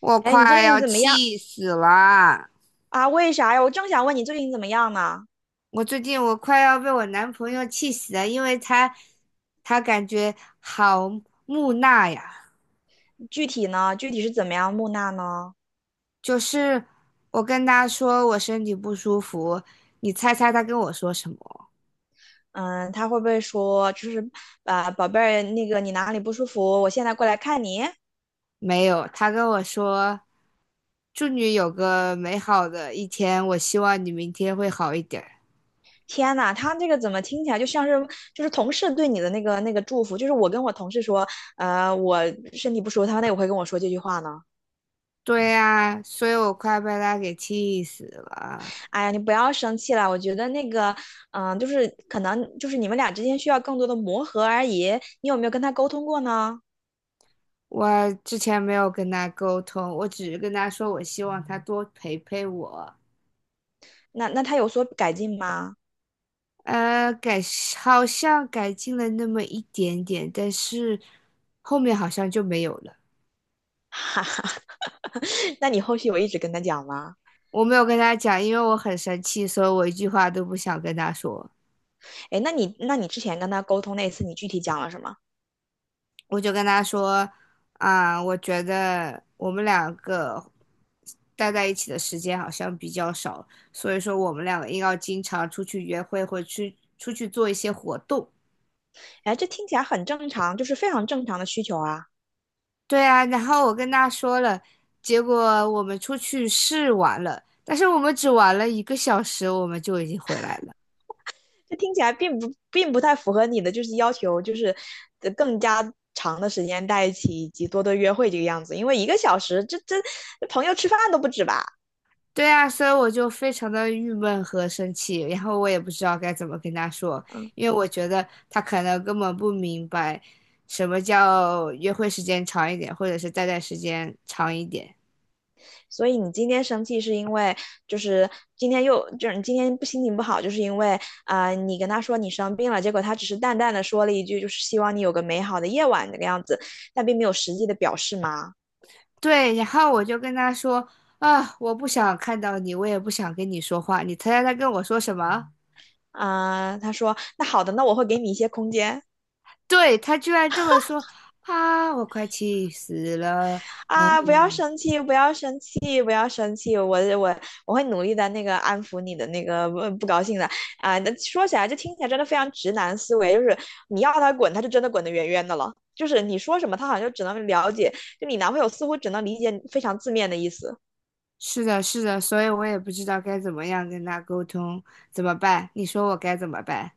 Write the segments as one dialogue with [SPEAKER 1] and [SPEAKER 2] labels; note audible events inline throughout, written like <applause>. [SPEAKER 1] 我
[SPEAKER 2] 哎，你
[SPEAKER 1] 快
[SPEAKER 2] 最近
[SPEAKER 1] 要
[SPEAKER 2] 怎么样
[SPEAKER 1] 气死了！
[SPEAKER 2] 啊？为啥呀？我正想问你最近怎么样呢？
[SPEAKER 1] 我最近我快要被我男朋友气死了，因为他感觉好木讷呀。
[SPEAKER 2] 具体呢？具体是怎么样木讷呢？
[SPEAKER 1] 就是我跟他说我身体不舒服，你猜猜他跟我说什么？
[SPEAKER 2] 嗯，他会不会说就是，啊，宝贝儿，那个你哪里不舒服？我现在过来看你。
[SPEAKER 1] 没有，他跟我说祝你有个美好的一天，我希望你明天会好一点儿
[SPEAKER 2] 天呐，他这个怎么听起来就像是就是同事对你的那个祝福？就是我跟我同事说，我身体不舒服，他那也会跟我说这句话呢。
[SPEAKER 1] 对呀，所以我快被他给气死了。
[SPEAKER 2] 哎呀，你不要生气了，我觉得那个，嗯、就是可能就是你们俩之间需要更多的磨合而已。你有没有跟他沟通过呢？
[SPEAKER 1] 我之前没有跟他沟通，我只是跟他说我希望他多陪陪我。
[SPEAKER 2] 那他有所改进吗？
[SPEAKER 1] 呃，改好像改进了那么一点点，但是后面好像就没有了。
[SPEAKER 2] <laughs> 哈哈，<laughs> 那你后续有一直跟他讲吗？
[SPEAKER 1] 我没有跟他讲，因为我很生气，所以我一句话都不想跟他说。
[SPEAKER 2] 哎，那你之前跟他沟通那次，你具体讲了什么？
[SPEAKER 1] 我就跟他说，啊、我觉得我们两个待在一起的时间好像比较少，所以说我们两个应该经常出去约会，或去出去做一些活动。
[SPEAKER 2] 哎，这听起来很正常，就是非常正常的需求啊。
[SPEAKER 1] 对啊，然后我跟他说了，结果我们出去试玩了，但是我们只玩了一个小时，我们就已经回来了。
[SPEAKER 2] 这听起来并不太符合你的就是要求，就是呃更加长的时间在一起以及多多约会这个样子。因为一个小时，这这朋友吃饭都不止吧？
[SPEAKER 1] 对啊，所以我就非常的郁闷和生气，然后我也不知道该怎么跟他说，
[SPEAKER 2] 嗯。
[SPEAKER 1] 因为我觉得他可能根本不明白什么叫约会时间长一点，或者是待在时间长一点。
[SPEAKER 2] 所以你今天生气是因为就是今天又就是你今天不心情不好，就是因为啊、呃你跟他说你生病了，结果他只是淡淡的说了一句，就是希望你有个美好的夜晚那个样子，但并没有实际的表示吗？
[SPEAKER 1] 对，然后我就跟他说啊，我不想看到你，我也不想跟你说话，你猜猜他跟我说什么？
[SPEAKER 2] 啊、呃他说那好的，那我会给你一些空间。
[SPEAKER 1] 对，他居然这么说啊！我快气死了。
[SPEAKER 2] 啊，不要
[SPEAKER 1] 嗯，
[SPEAKER 2] 生气，不要生气，不要生气，我我会努力的，那个安抚你的那个不高兴的啊。那说起来，就听起来真的非常直男思维，就是你要他滚，他就真的滚得远远的了。就是你说什么，他好像就只能了解，就你男朋友似乎只能理解非常字面的意思。
[SPEAKER 1] 是的，是的，所以我也不知道该怎么样跟他沟通，怎么办？你说我该怎么办？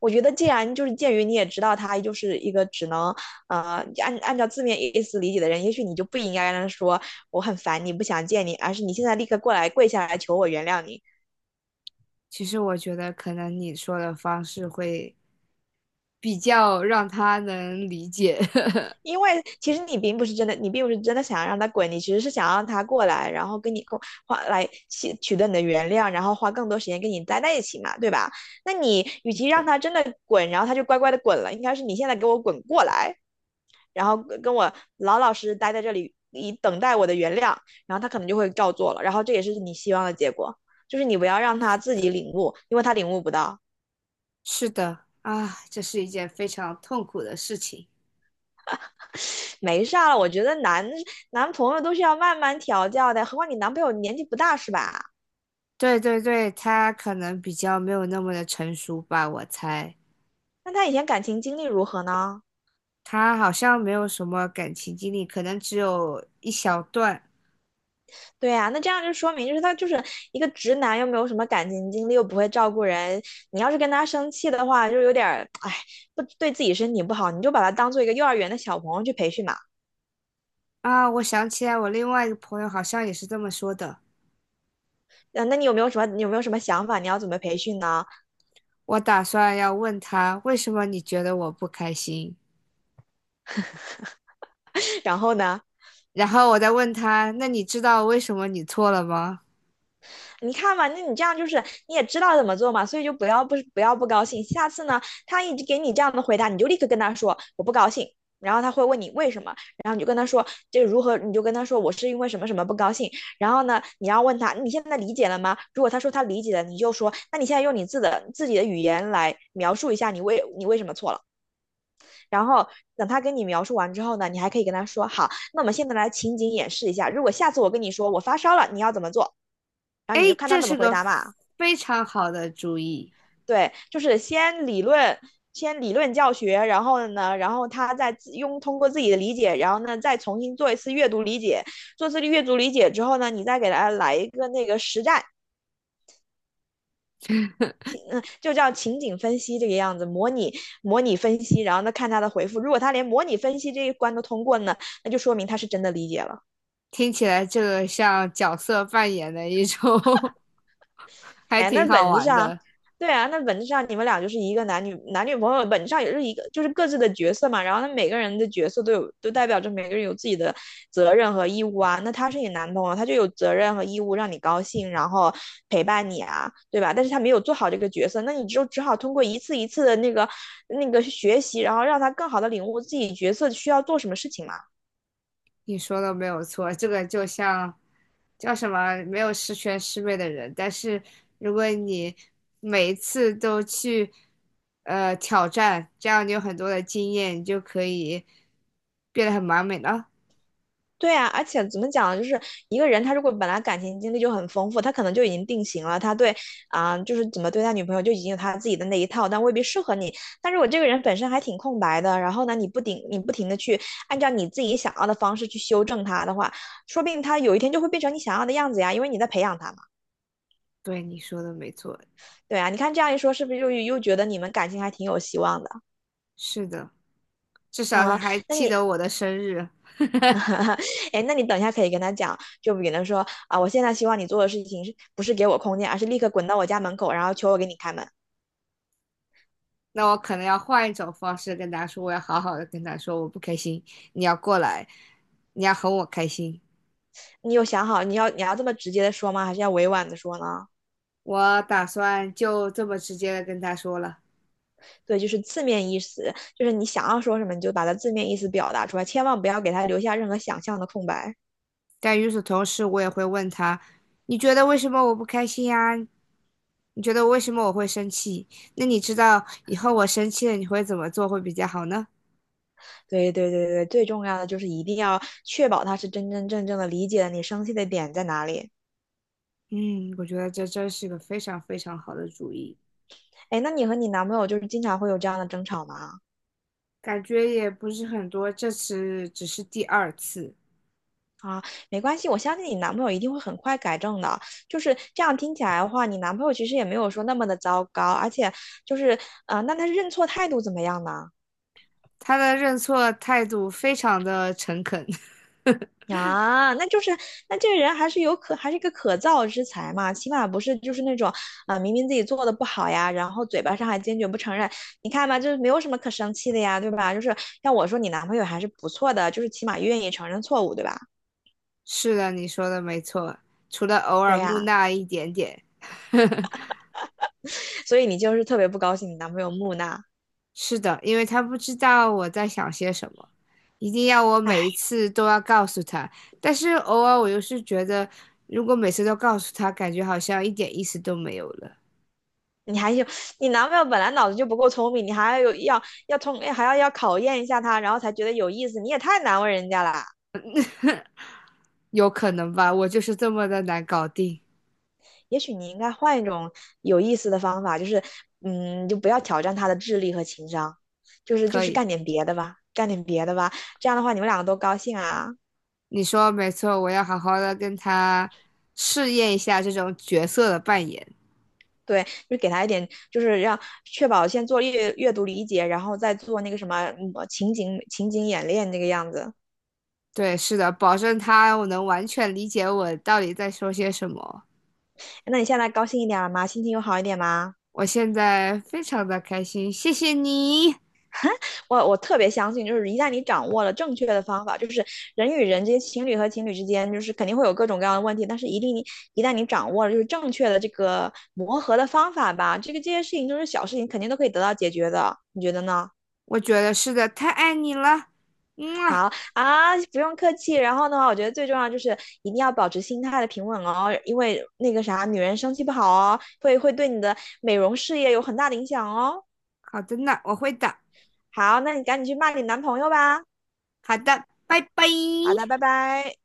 [SPEAKER 2] 我觉得既然就是鉴于你也知道他就是一个只能呃按照字面意思理解的人，也许你就不应该让他说我很烦你不想见你，而是你现在立刻过来跪下来求我原谅你。
[SPEAKER 1] 其实我觉得可能你说的方式会比较让他能理解。<laughs>
[SPEAKER 2] 因为其实你并不是真的，你并不是真的想让他滚，你其实是想让他过来，然后跟你共花来取得你的原谅，然后花更多时间跟你待在一起嘛，对吧？那你与其
[SPEAKER 1] 的。
[SPEAKER 2] 让他真的滚，然后他就乖乖的滚了，应该是你现在给我滚过来，然后跟我老老实实待在这里，以等待我的原谅，然后他可能就会照做了，然后这也是你希望的结果。就是你不要让他自己领悟，因为他领悟不到，
[SPEAKER 1] 是的，啊，这是一件非常痛苦的事情。
[SPEAKER 2] 没事了。我觉得男朋友都是要慢慢调教的，何况你男朋友年纪不大是吧？
[SPEAKER 1] 对对对，他可能比较没有那么的成熟吧，我猜。
[SPEAKER 2] 那他以前感情经历如何呢？
[SPEAKER 1] 他好像没有什么感情经历，可能只有一小段
[SPEAKER 2] 对呀、那这样就说明，就是他就是一个直男，又没有什么感情经历，又不会照顾人。你要是跟他生气的话，就有点儿，哎，不对自己身体不好，你就把他当做一个幼儿园的小朋友去培训嘛。
[SPEAKER 1] 啊。我想起来，我另外一个朋友好像也是这么说的。
[SPEAKER 2] 嗯，那你有没有什么，你有没有什么想法？你要怎么培训呢？
[SPEAKER 1] 我打算要问他为什么你觉得我不开心，
[SPEAKER 2] <laughs> 然后呢？
[SPEAKER 1] 然后我再问他，那你知道为什么你错了吗？
[SPEAKER 2] 你看嘛，那你这样就是你也知道怎么做嘛，所以就不要不不要不高兴。下次呢，他一直给你这样的回答，你就立刻跟他说我不高兴。然后他会问你为什么，然后你就跟他说这如何，你就跟他说我是因为什么什么不高兴。然后呢，你要问他你现在理解了吗？如果他说他理解了，你就说那你现在用你自的自己的语言来描述一下你为什么错了。然后等他跟你描述完之后呢，你还可以跟他说，好，那我们现在来情景演示一下，如果下次我跟你说我发烧了，你要怎么做？然
[SPEAKER 1] 哎，
[SPEAKER 2] 后你就看他
[SPEAKER 1] 这
[SPEAKER 2] 怎么
[SPEAKER 1] 是
[SPEAKER 2] 回
[SPEAKER 1] 个
[SPEAKER 2] 答嘛。
[SPEAKER 1] 非常好的主意，
[SPEAKER 2] 对，就是先理论，先理论教学，然后呢，然后他再自用通过自己的理解，然后呢，再重新做一次阅读理解，做次阅读理解之后呢，你再给他来一个那个实战，就叫情景分析这个样子，模拟分析，然后呢看他的回复，如果他连模拟分析这一关都通过呢，那就说明他是真的理解了。
[SPEAKER 1] 听起来这个像角色扮演的一种 <laughs> 还
[SPEAKER 2] 哎，那
[SPEAKER 1] 挺好
[SPEAKER 2] 本质
[SPEAKER 1] 玩
[SPEAKER 2] 上，
[SPEAKER 1] 的。
[SPEAKER 2] 对啊，那本质上你们俩就是一个男女朋友，本质上也是一个，就是各自的角色嘛。然后那每个人的角色都有，都代表着每个人有自己的责任和义务啊。那他是你男朋友，他就有责任和义务让你高兴，然后陪伴你啊，对吧？但是他没有做好这个角色，那你就只好通过一次一次的那个学习，然后让他更好的领悟自己角色需要做什么事情嘛。
[SPEAKER 1] 你说的没有错，这个就像叫什么没有十全十美的人，但是如果你每一次都去挑战，这样你有很多的经验，你就可以变得很完美了。
[SPEAKER 2] 对啊，而且怎么讲呢，就是一个人他如果本来感情经历就很丰富，他可能就已经定型了，他对啊、就是怎么对待女朋友就已经有他自己的那一套，但未必适合你。但如果这个人本身还挺空白的，然后呢，你不停的去按照你自己想要的方式去修正他的话，说不定他有一天就会变成你想要的样子呀，因为你在培养他嘛。
[SPEAKER 1] 对，你说的没错，
[SPEAKER 2] 对啊，你看这样一说，是不是又觉得你们感情还挺有希望的
[SPEAKER 1] 是的，至少他
[SPEAKER 2] 啊、
[SPEAKER 1] 还
[SPEAKER 2] 那
[SPEAKER 1] 记
[SPEAKER 2] 你
[SPEAKER 1] 得我的生日。
[SPEAKER 2] <laughs> 哎，那你等一下可以跟他讲，就比如说啊，我现在希望你做的事情是不是给我空间，而是立刻滚到我家门口，然后求我给你开门。
[SPEAKER 1] 那我可能要换一种方式跟他说，我要好好的跟他说，我不开心，你要过来，你要哄我开心。
[SPEAKER 2] 你有想好你要这么直接的说吗？还是要委婉的说呢？
[SPEAKER 1] 我打算就这么直接的跟他说了。
[SPEAKER 2] 对，就是字面意思，就是你想要说什么，你就把它字面意思表达出来，千万不要给他留下任何想象的空白。
[SPEAKER 1] 但与此同时，我也会问他：你觉得为什么我不开心呀？你觉得为什么我会生气？那你知道以后我生气了你会怎么做会比较好呢？
[SPEAKER 2] 对对对对，最重要的就是一定要确保他是真真正正的理解了你生气的点在哪里。
[SPEAKER 1] 嗯，我觉得这真是个非常非常好的主意，
[SPEAKER 2] 哎，那你和你男朋友就是经常会有这样的争吵吗？
[SPEAKER 1] 感觉也不是很多，这次只是第二次。
[SPEAKER 2] 啊，没关系，我相信你男朋友一定会很快改正的。就是这样听起来的话，你男朋友其实也没有说那么的糟糕，而且就是，啊，那他认错态度怎么样呢？
[SPEAKER 1] 他的认错态度非常的诚恳。<laughs>
[SPEAKER 2] 啊，那就是，那这个人还是有可，还是一个可造之才嘛，起码不是就是那种，啊、明明自己做的不好呀，然后嘴巴上还坚决不承认。你看吧，就是没有什么可生气的呀，对吧？就是要我说，你男朋友还是不错的，就是起码愿意承认错误，对吧？
[SPEAKER 1] 是的，你说的没错，除了偶
[SPEAKER 2] 对
[SPEAKER 1] 尔木
[SPEAKER 2] 呀，
[SPEAKER 1] 讷一点点。<laughs>
[SPEAKER 2] 所以你就是特别不高兴你男朋友木讷。
[SPEAKER 1] 是的，因为他不知道我在想些什么，一定要我每一
[SPEAKER 2] 唉
[SPEAKER 1] 次都要告诉他。但是偶尔我又是觉得，如果每次都告诉他，感觉好像一点意思都没有了。
[SPEAKER 2] 你还有你男朋友本来脑子就不够聪明，你还要有要通还要要考验一下他，然后才觉得有意思，你也太难为人家了。
[SPEAKER 1] 有可能吧，我就是这么的难搞定。
[SPEAKER 2] 也许你应该换一种有意思的方法，就是嗯，就不要挑战他的智力和情商，就是就
[SPEAKER 1] 可
[SPEAKER 2] 是
[SPEAKER 1] 以，
[SPEAKER 2] 干点别的吧，干点别的吧，这样的话你们两个都高兴啊。
[SPEAKER 1] 你说没错，我要好好的跟他试验一下这种角色的扮演。
[SPEAKER 2] 对，就给他一点，就是让确保先做阅读理解，然后再做那个什么嗯情景演练这个样子。
[SPEAKER 1] 对，是的，保证他我能完全理解我到底在说些什么。
[SPEAKER 2] 那你现在高兴一点了吗？心情有好一点吗？
[SPEAKER 1] 我现在非常的开心，谢谢你。
[SPEAKER 2] <laughs> 我特别相信，就是一旦你掌握了正确的方法，就是人与人之间、情侣和情侣之间，就是肯定会有各种各样的问题，但是一定你一旦你掌握了就是正确的这个磨合的方法吧，这个这些事情都是小事情，肯定都可以得到解决的，你觉得呢？
[SPEAKER 1] 我觉得是的，太爱你了，嗯啊，
[SPEAKER 2] 好啊，不用客气。然后的话，我觉得最重要就是一定要保持心态的平稳哦，因为那个啥，女人生气不好哦，会对你的美容事业有很大的影响哦。
[SPEAKER 1] 好的呢，我会的，
[SPEAKER 2] 好，那你赶紧去骂你男朋友吧。
[SPEAKER 1] 好的，拜拜。
[SPEAKER 2] 好的，拜拜。